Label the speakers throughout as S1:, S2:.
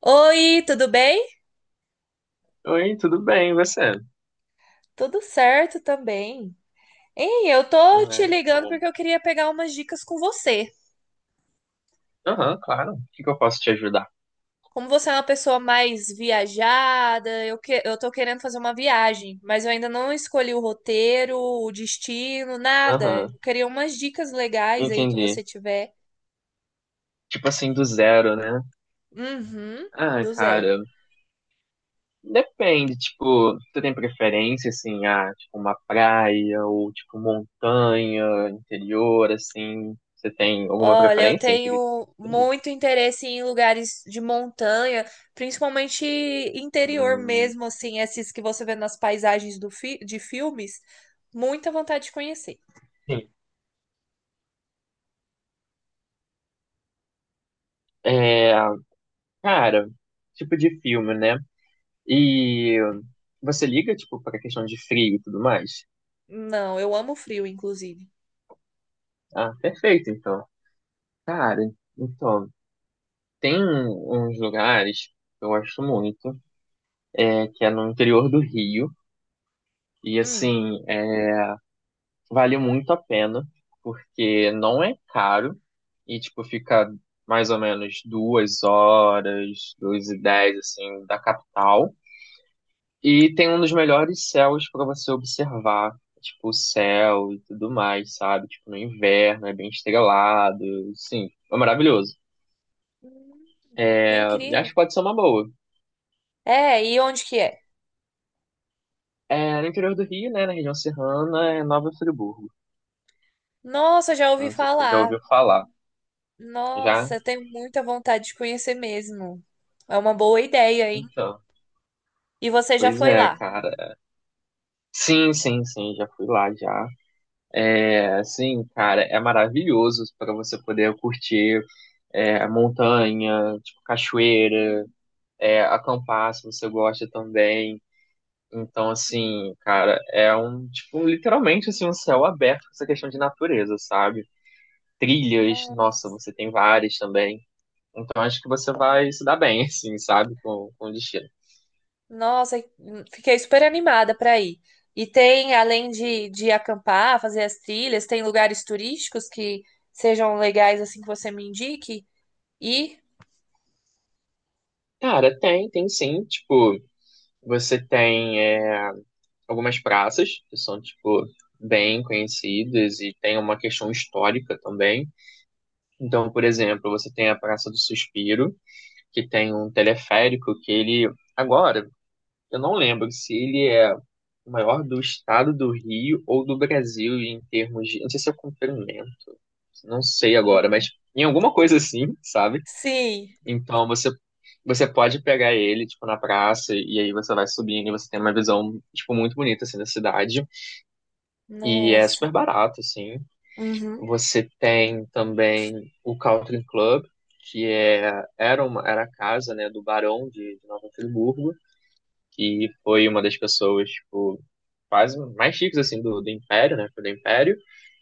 S1: Oi, tudo bem?
S2: Oi, tudo bem, e você?
S1: Tudo certo também. Ei, eu tô te
S2: Né?
S1: ligando
S2: Bom.
S1: porque eu queria pegar umas dicas com você.
S2: Aham, claro. O que que eu posso te ajudar?
S1: Como você é uma pessoa mais viajada, eu tô querendo fazer uma viagem, mas eu ainda não escolhi o roteiro, o destino, nada.
S2: Aham,
S1: Eu queria umas dicas legais aí que
S2: entendi.
S1: você tiver.
S2: Tipo assim, do zero, né?
S1: Uhum,
S2: Ah,
S1: do zero.
S2: cara, depende, tipo, tu tem preferência, assim, ah, tipo, uma praia ou, tipo, montanha, interior, assim, você tem alguma
S1: Olha, eu
S2: preferência entre...
S1: tenho muito interesse em lugares de montanha, principalmente interior
S2: Hum,
S1: mesmo, assim, esses que você vê nas paisagens de filmes. Muita vontade de conhecer.
S2: sim. É, cara, tipo de filme, né? E você liga, tipo, pra questão de frio e tudo mais?
S1: Não, eu amo frio, inclusive.
S2: Ah, perfeito, então. Cara, então, uns lugares que eu gosto muito, é, que é no interior do Rio, e
S1: Hum.
S2: assim, é, vale muito a pena, porque não é caro, e tipo, fica mais ou menos duas horas, duas e dez, assim, da capital, e tem um dos melhores céus para você observar, tipo, o céu e tudo mais, sabe? Tipo, no inverno, é bem estrelado, sim, é maravilhoso.
S1: Hum, que
S2: Eu acho
S1: incrível.
S2: que pode ser uma boa.
S1: É, e onde que é?
S2: É, no interior do Rio, né, na região serrana, é Nova Friburgo.
S1: Nossa, já ouvi
S2: Não sei se você já
S1: falar.
S2: ouviu falar. Já?
S1: Nossa, eu tenho muita vontade de conhecer mesmo. É uma boa ideia, hein?
S2: Então.
S1: E você já
S2: Pois
S1: foi
S2: é,
S1: lá?
S2: cara. Sim, sim, sim, já fui lá já. É, sim, cara, é maravilhoso para você poder curtir é, montanha, tipo cachoeira, é, acampar se você gosta também. Então, assim, cara, é um, tipo, literalmente assim, um céu aberto com essa questão de natureza, sabe? Trilhas, nossa,
S1: Nossa.
S2: você tem várias também. Então acho que você vai se dar bem, assim, sabe, com o destino.
S1: Nossa, fiquei super animada para ir. E tem, além de acampar, fazer as trilhas, tem lugares turísticos que sejam legais assim que você me indique. E
S2: Cara, tem, tem sim. Tipo, você tem é, algumas praças que são, tipo, bem conhecidas e tem uma questão histórica também. Então, por exemplo, você tem a Praça do Suspiro, que tem um teleférico que ele. Agora, eu não lembro se ele é o maior do estado do Rio ou do Brasil em termos de. Não sei se é comprimento, não sei agora,
S1: hum.
S2: mas em alguma coisa assim, sabe?
S1: Sim,
S2: Então você pode pegar ele, tipo, na praça, e aí você vai subindo e você tem uma visão, tipo, muito bonita, assim, da cidade. E é
S1: nossa.
S2: super barato, assim.
S1: Uhum.
S2: Você tem também o Country Club, que é, era, uma, era a casa, né, do barão de Nova Friburgo, que foi uma das pessoas, tipo, quase mais chiques, assim, do, do Império, né, do Império.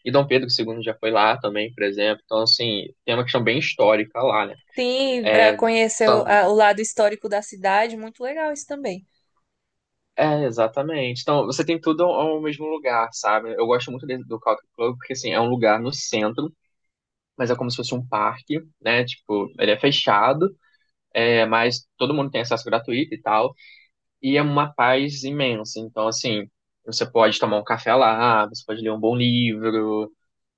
S2: E Dom Pedro II já foi lá também, por exemplo. Então, assim, tem uma questão bem histórica lá, né?
S1: Sim, para
S2: É,
S1: conhecer
S2: só
S1: o lado histórico da cidade, muito legal isso também.
S2: é, exatamente. Então, você tem tudo ao mesmo lugar, sabe? Eu gosto muito de- do Country Club porque, assim, é um lugar no centro, mas é como se fosse um parque, né? Tipo, ele é fechado, é, mas todo mundo tem acesso gratuito e tal. E é uma paz imensa. Então, assim, você pode tomar um café lá, você pode ler um bom livro,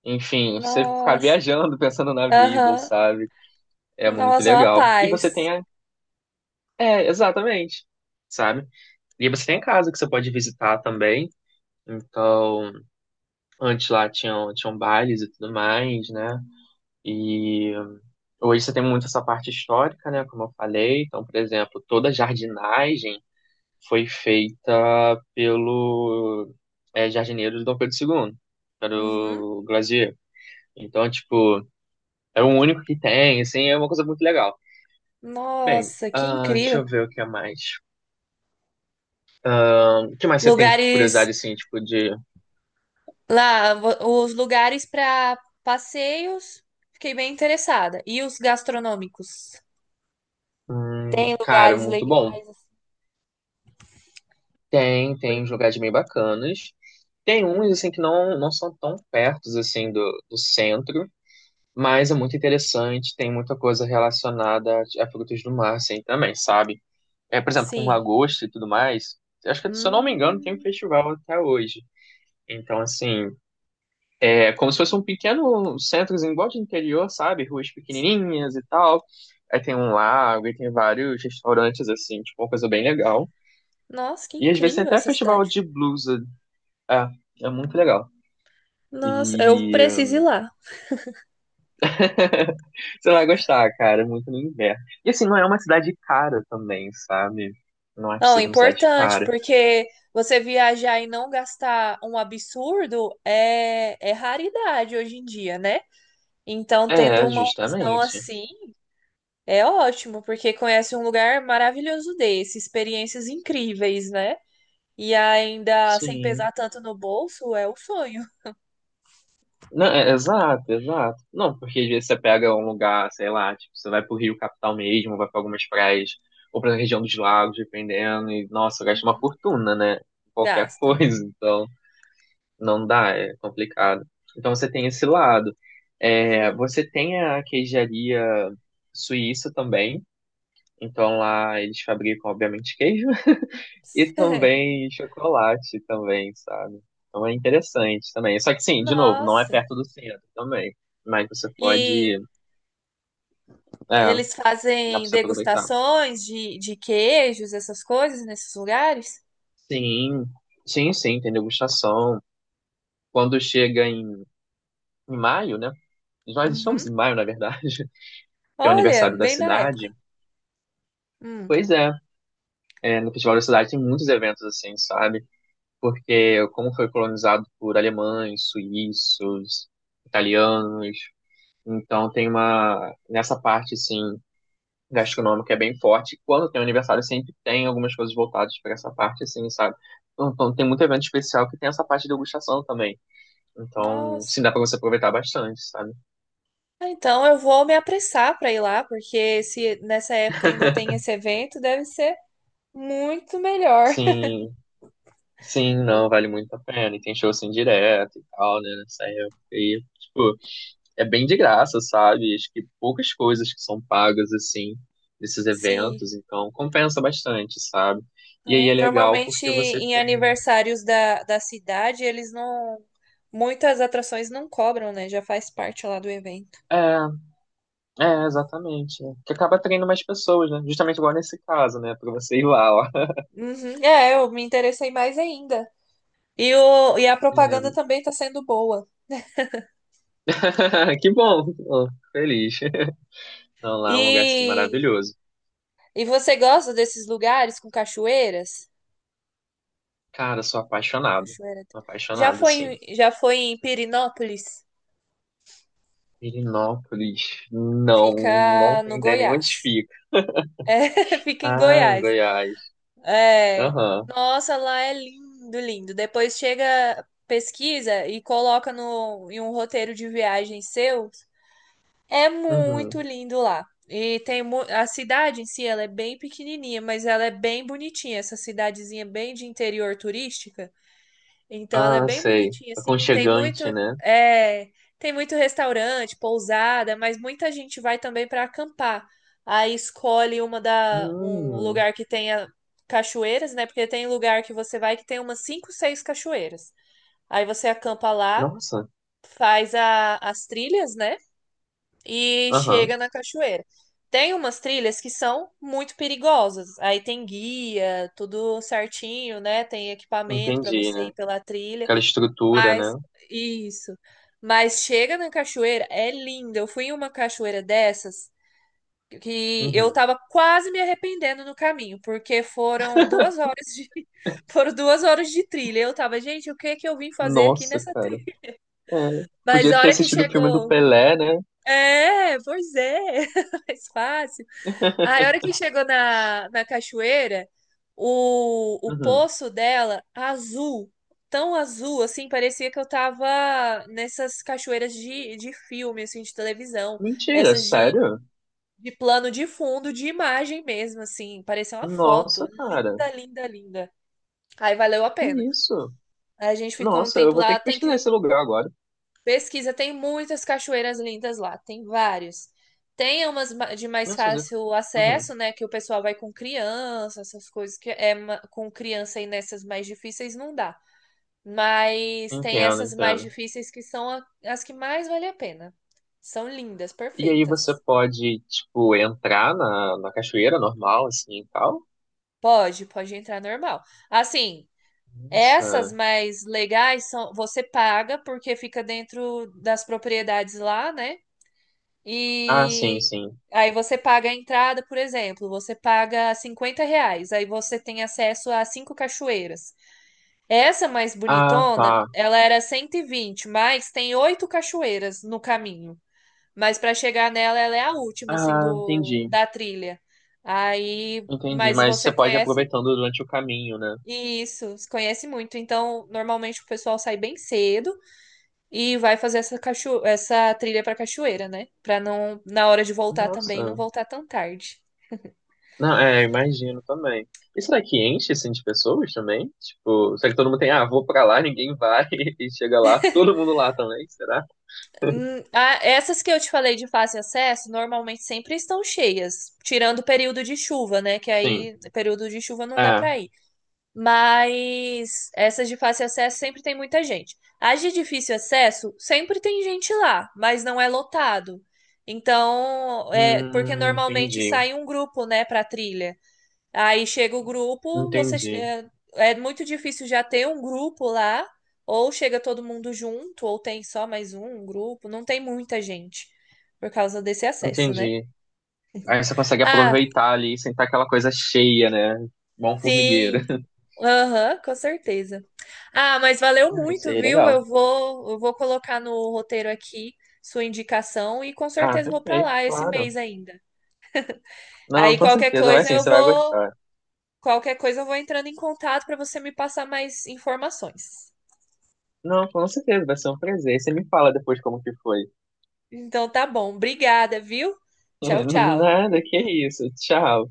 S2: enfim, você ficar
S1: Nossa,
S2: viajando, pensando na vida,
S1: aham.
S2: sabe? É
S1: Em
S2: muito
S1: relação à
S2: legal. E você
S1: paz.
S2: tem a... É, exatamente, sabe? E você tem a casa que você pode visitar também. Então... Antes lá tinham bailes e tudo mais, né? E hoje você tem muito essa parte histórica, né? Como eu falei. Então, por exemplo, toda a jardinagem foi feita pelo é, jardineiro de Dom Pedro II, era
S1: Uhum.
S2: o Glazier. Então, tipo, é o único que tem, assim, é uma coisa muito legal. Bem,
S1: Nossa, que
S2: ah, deixa
S1: incrível.
S2: eu ver o que é mais. Ah, o que mais você tem
S1: Lugares
S2: curiosidade, assim, tipo, de.
S1: lá, os lugares para passeios, fiquei bem interessada. E os gastronômicos? Tem
S2: Cara,
S1: lugares
S2: muito bom.
S1: legais?
S2: Tem, tem uns lugares bem bacanas. Tem uns, assim, que não, não são tão pertos, assim, do, do centro, mas é muito interessante, tem muita coisa relacionada a frutos do mar, assim, também, sabe? É, por exemplo, com
S1: Sim.
S2: lagosta e tudo mais, acho que, se eu não me engano, tem um
S1: Hum,
S2: festival até hoje. Então, assim, é como se fosse um pequeno centrozinho, igual de interior, sabe? Ruas pequenininhas e tal. Aí tem um lago, e tem vários restaurantes, assim, tipo, uma coisa bem legal.
S1: nossa, que
S2: E às vezes tem
S1: incrível
S2: até
S1: essa
S2: festival
S1: cidade.
S2: de blues. É, é muito legal.
S1: Nossa, eu
S2: E
S1: preciso ir lá.
S2: você vai gostar, cara, é muito no inverno. E assim, não é uma cidade cara também, sabe? Não acho que
S1: Não, é
S2: seja uma cidade
S1: importante,
S2: cara.
S1: porque você viajar e não gastar um absurdo é raridade hoje em dia, né? Então,
S2: É,
S1: tendo uma opção
S2: justamente.
S1: assim, é ótimo, porque conhece um lugar maravilhoso desse, experiências incríveis, né? E ainda sem
S2: Sim.
S1: pesar tanto no bolso, é o sonho.
S2: Não, é, exato, exato. Não, porque às vezes você pega um lugar, sei lá, tipo, você vai pro Rio Capital mesmo, vai pra algumas praias, ou pra região dos lagos, dependendo, e nossa, gasta uma
S1: Uhum.
S2: fortuna, né? Qualquer
S1: Gasta.
S2: coisa, então. Não dá, é complicado. Então você tem esse lado. É,
S1: Uhum.
S2: você tem a queijaria suíça também. Então lá eles fabricam, obviamente, queijo e também chocolate também, sabe? Então é interessante também. Só que sim, de novo, não é
S1: Nossa.
S2: perto do centro também. Mas você pode.
S1: E
S2: É,
S1: eles
S2: dá pra
S1: fazem
S2: você aproveitar.
S1: degustações de queijos, essas coisas, nesses lugares?
S2: Sim, sim, sim, tem degustação. Quando chega em maio, né? Nós estamos
S1: Uhum.
S2: em maio, na verdade, que é o
S1: Olha,
S2: aniversário da
S1: bem da época.
S2: cidade.
S1: Hum.
S2: Pois é, é, no Festival da Cidade tem muitos eventos assim, sabe? Porque como foi colonizado por alemães, suíços, italianos, então tem uma nessa parte assim gastronômica é bem forte. Quando tem aniversário sempre tem algumas coisas voltadas para essa parte assim, sabe? Então tem muito evento especial que tem essa parte de degustação também. Então,
S1: Nossa.
S2: sim, dá para você aproveitar bastante, sabe?
S1: Ah, então eu vou me apressar para ir lá, porque se nessa época ainda tem esse evento, deve ser muito melhor.
S2: Sim, sim, não,
S1: Eu-
S2: vale muito a pena. E tem show assim direto e tal, né? Nessa época. E, tipo, é bem de graça, sabe? Acho que poucas coisas que são pagas assim nesses
S1: sim.
S2: eventos, então compensa bastante, sabe? E aí
S1: Né?
S2: é legal
S1: Normalmente
S2: porque você
S1: em
S2: tem.
S1: aniversários da cidade, eles não. Muitas atrações não cobram, né? Já faz parte lá do evento.
S2: É, é, exatamente, né? Que acaba atraindo mais pessoas, né? Justamente igual nesse caso, né? Pra você ir lá, ó.
S1: Uhum, é, eu me interessei mais ainda. E a propaganda também está sendo boa.
S2: É, que bom! Tô feliz. Não, lá é um lugar assim
S1: E,
S2: maravilhoso.
S1: e você gosta desses lugares com cachoeiras?
S2: Cara, sou apaixonado.
S1: Cachoeira.
S2: Sou
S1: Já
S2: apaixonado,
S1: foi,
S2: assim.
S1: já foi em Pirinópolis?
S2: Pirinópolis. Não, não
S1: Fica no
S2: tem ideia nem onde
S1: Goiás.
S2: fica.
S1: É, fica em
S2: Ah, em
S1: Goiás.
S2: Goiás.
S1: É.
S2: Aham.
S1: Nossa, lá é lindo, lindo. Depois chega, pesquisa e coloca no, em um roteiro de viagem seu. É muito
S2: Uhum.
S1: lindo lá. E tem a cidade em si, ela é bem pequenininha, mas ela é bem bonitinha. Essa cidadezinha bem de interior turística. Então ela é
S2: Ah,
S1: bem
S2: sei.
S1: bonitinha, assim.
S2: Aconchegante, né?
S1: É, tem muito restaurante, pousada, mas muita gente vai também para acampar. Aí escolhe um
S2: Hum,
S1: lugar que tenha cachoeiras, né? Porque tem lugar que você vai que tem umas cinco, seis cachoeiras. Aí você acampa lá,
S2: nossa.
S1: faz as trilhas, né? E
S2: Aham,
S1: chega na cachoeira. Tem umas trilhas que são muito perigosas. Aí tem guia, tudo certinho, né? Tem equipamento para
S2: entendi,
S1: você
S2: né?
S1: ir pela trilha.
S2: Aquela estrutura,
S1: Mas,
S2: né?
S1: isso. Mas chega na cachoeira, é linda. Eu fui em uma cachoeira dessas que eu
S2: Uhum.
S1: tava quase me arrependendo no caminho, porque foram 2 horas foram 2 horas de trilha. Eu tava, gente, o que que eu vim fazer aqui
S2: Nossa,
S1: nessa
S2: cara.
S1: trilha?
S2: É,
S1: Mas
S2: podia
S1: a
S2: ter
S1: hora que
S2: assistido o filme do
S1: chegou,
S2: Pelé, né?
S1: é, pois é, mais fácil. Aí, a hora que chegou na cachoeira, o
S2: Uhum.
S1: poço dela, azul, tão azul, assim, parecia que eu tava nessas cachoeiras de filme, assim, de televisão.
S2: Mentira,
S1: Essas de,
S2: sério?
S1: de plano de fundo, de imagem mesmo, assim. Parecia uma foto.
S2: Nossa, cara.
S1: Linda, linda, linda. Aí valeu a
S2: Que
S1: pena.
S2: isso?
S1: Aí a gente ficou um
S2: Nossa, eu
S1: tempo
S2: vou ter
S1: lá,
S2: que
S1: tem
S2: pesquisar esse
S1: que
S2: lugar agora.
S1: pesquisa, tem muitas cachoeiras lindas lá, tem vários. Tem umas de mais
S2: Nossa, mas eu-
S1: fácil
S2: uhum.
S1: acesso, né? Que o pessoal vai com criança, essas coisas que é com criança e nessas mais difíceis não dá. Mas tem
S2: Entendo,
S1: essas mais
S2: entendo.
S1: difíceis que são as que mais vale a pena. São lindas,
S2: E aí você
S1: perfeitas.
S2: pode, tipo, entrar na, na cachoeira normal, assim, e tal?
S1: Pode, pode entrar normal. Assim, essas
S2: Nossa.
S1: mais legais são, você paga porque fica dentro das propriedades lá, né?
S2: Ah, sim,
S1: E
S2: sim.
S1: aí você paga a entrada, por exemplo, você paga R$ 50, aí você tem acesso a cinco cachoeiras. Essa mais
S2: Ah,
S1: bonitona,
S2: tá.
S1: ela era 120, mas tem oito cachoeiras no caminho. Mas para chegar nela, ela é a última, assim,
S2: Ah, entendi.
S1: da trilha. Aí,
S2: Entendi.
S1: mas
S2: Mas
S1: você
S2: você pode ir
S1: conhece
S2: aproveitando durante o caminho, né?
S1: isso, conhece muito. Então, normalmente o pessoal sai bem cedo e vai fazer essa, cacho... essa trilha pra cachoeira, né? Pra não, na hora de voltar também, não
S2: Nossa.
S1: voltar tão tarde.
S2: Não, é, imagino também. Isso daqui enche, assim, de pessoas também? Tipo, será que todo mundo tem, ah, vou pra lá, ninguém vai e chega lá, todo mundo lá também, será?
S1: Essas que eu te falei de fácil acesso, normalmente sempre estão cheias, tirando o período de chuva, né? Que
S2: Sim.
S1: aí, período de chuva não dá
S2: É.
S1: pra ir. Mas essas de fácil acesso sempre tem muita gente. As de difícil acesso, sempre tem gente lá, mas não é lotado. Então, é porque normalmente
S2: Entendi.
S1: sai um grupo, né, pra trilha. Aí chega o grupo,
S2: Entendi.
S1: é muito difícil já ter um grupo lá, ou chega todo mundo junto, ou tem só mais um grupo, não tem muita gente por causa desse acesso, né?
S2: Entendi. Aí você consegue
S1: Ah,
S2: aproveitar ali, sem estar aquela coisa cheia, né? Bom formigueiro.
S1: sim. Aham, com certeza. Ah, mas valeu
S2: Ah, isso
S1: muito,
S2: aí é
S1: viu?
S2: legal.
S1: Eu vou colocar no roteiro aqui sua indicação e com
S2: Ah,
S1: certeza vou para
S2: perfeito,
S1: lá esse
S2: claro.
S1: mês ainda.
S2: Não,
S1: Aí
S2: com
S1: qualquer
S2: certeza, vai
S1: coisa
S2: sim,
S1: eu
S2: você vai
S1: vou,
S2: gostar.
S1: qualquer coisa eu vou entrando em contato para você me passar mais informações.
S2: Não, com certeza, vai ser um prazer. Você me fala depois como que foi.
S1: Então tá bom. Obrigada, viu? Tchau, tchau.
S2: Nada, que isso. Tchau.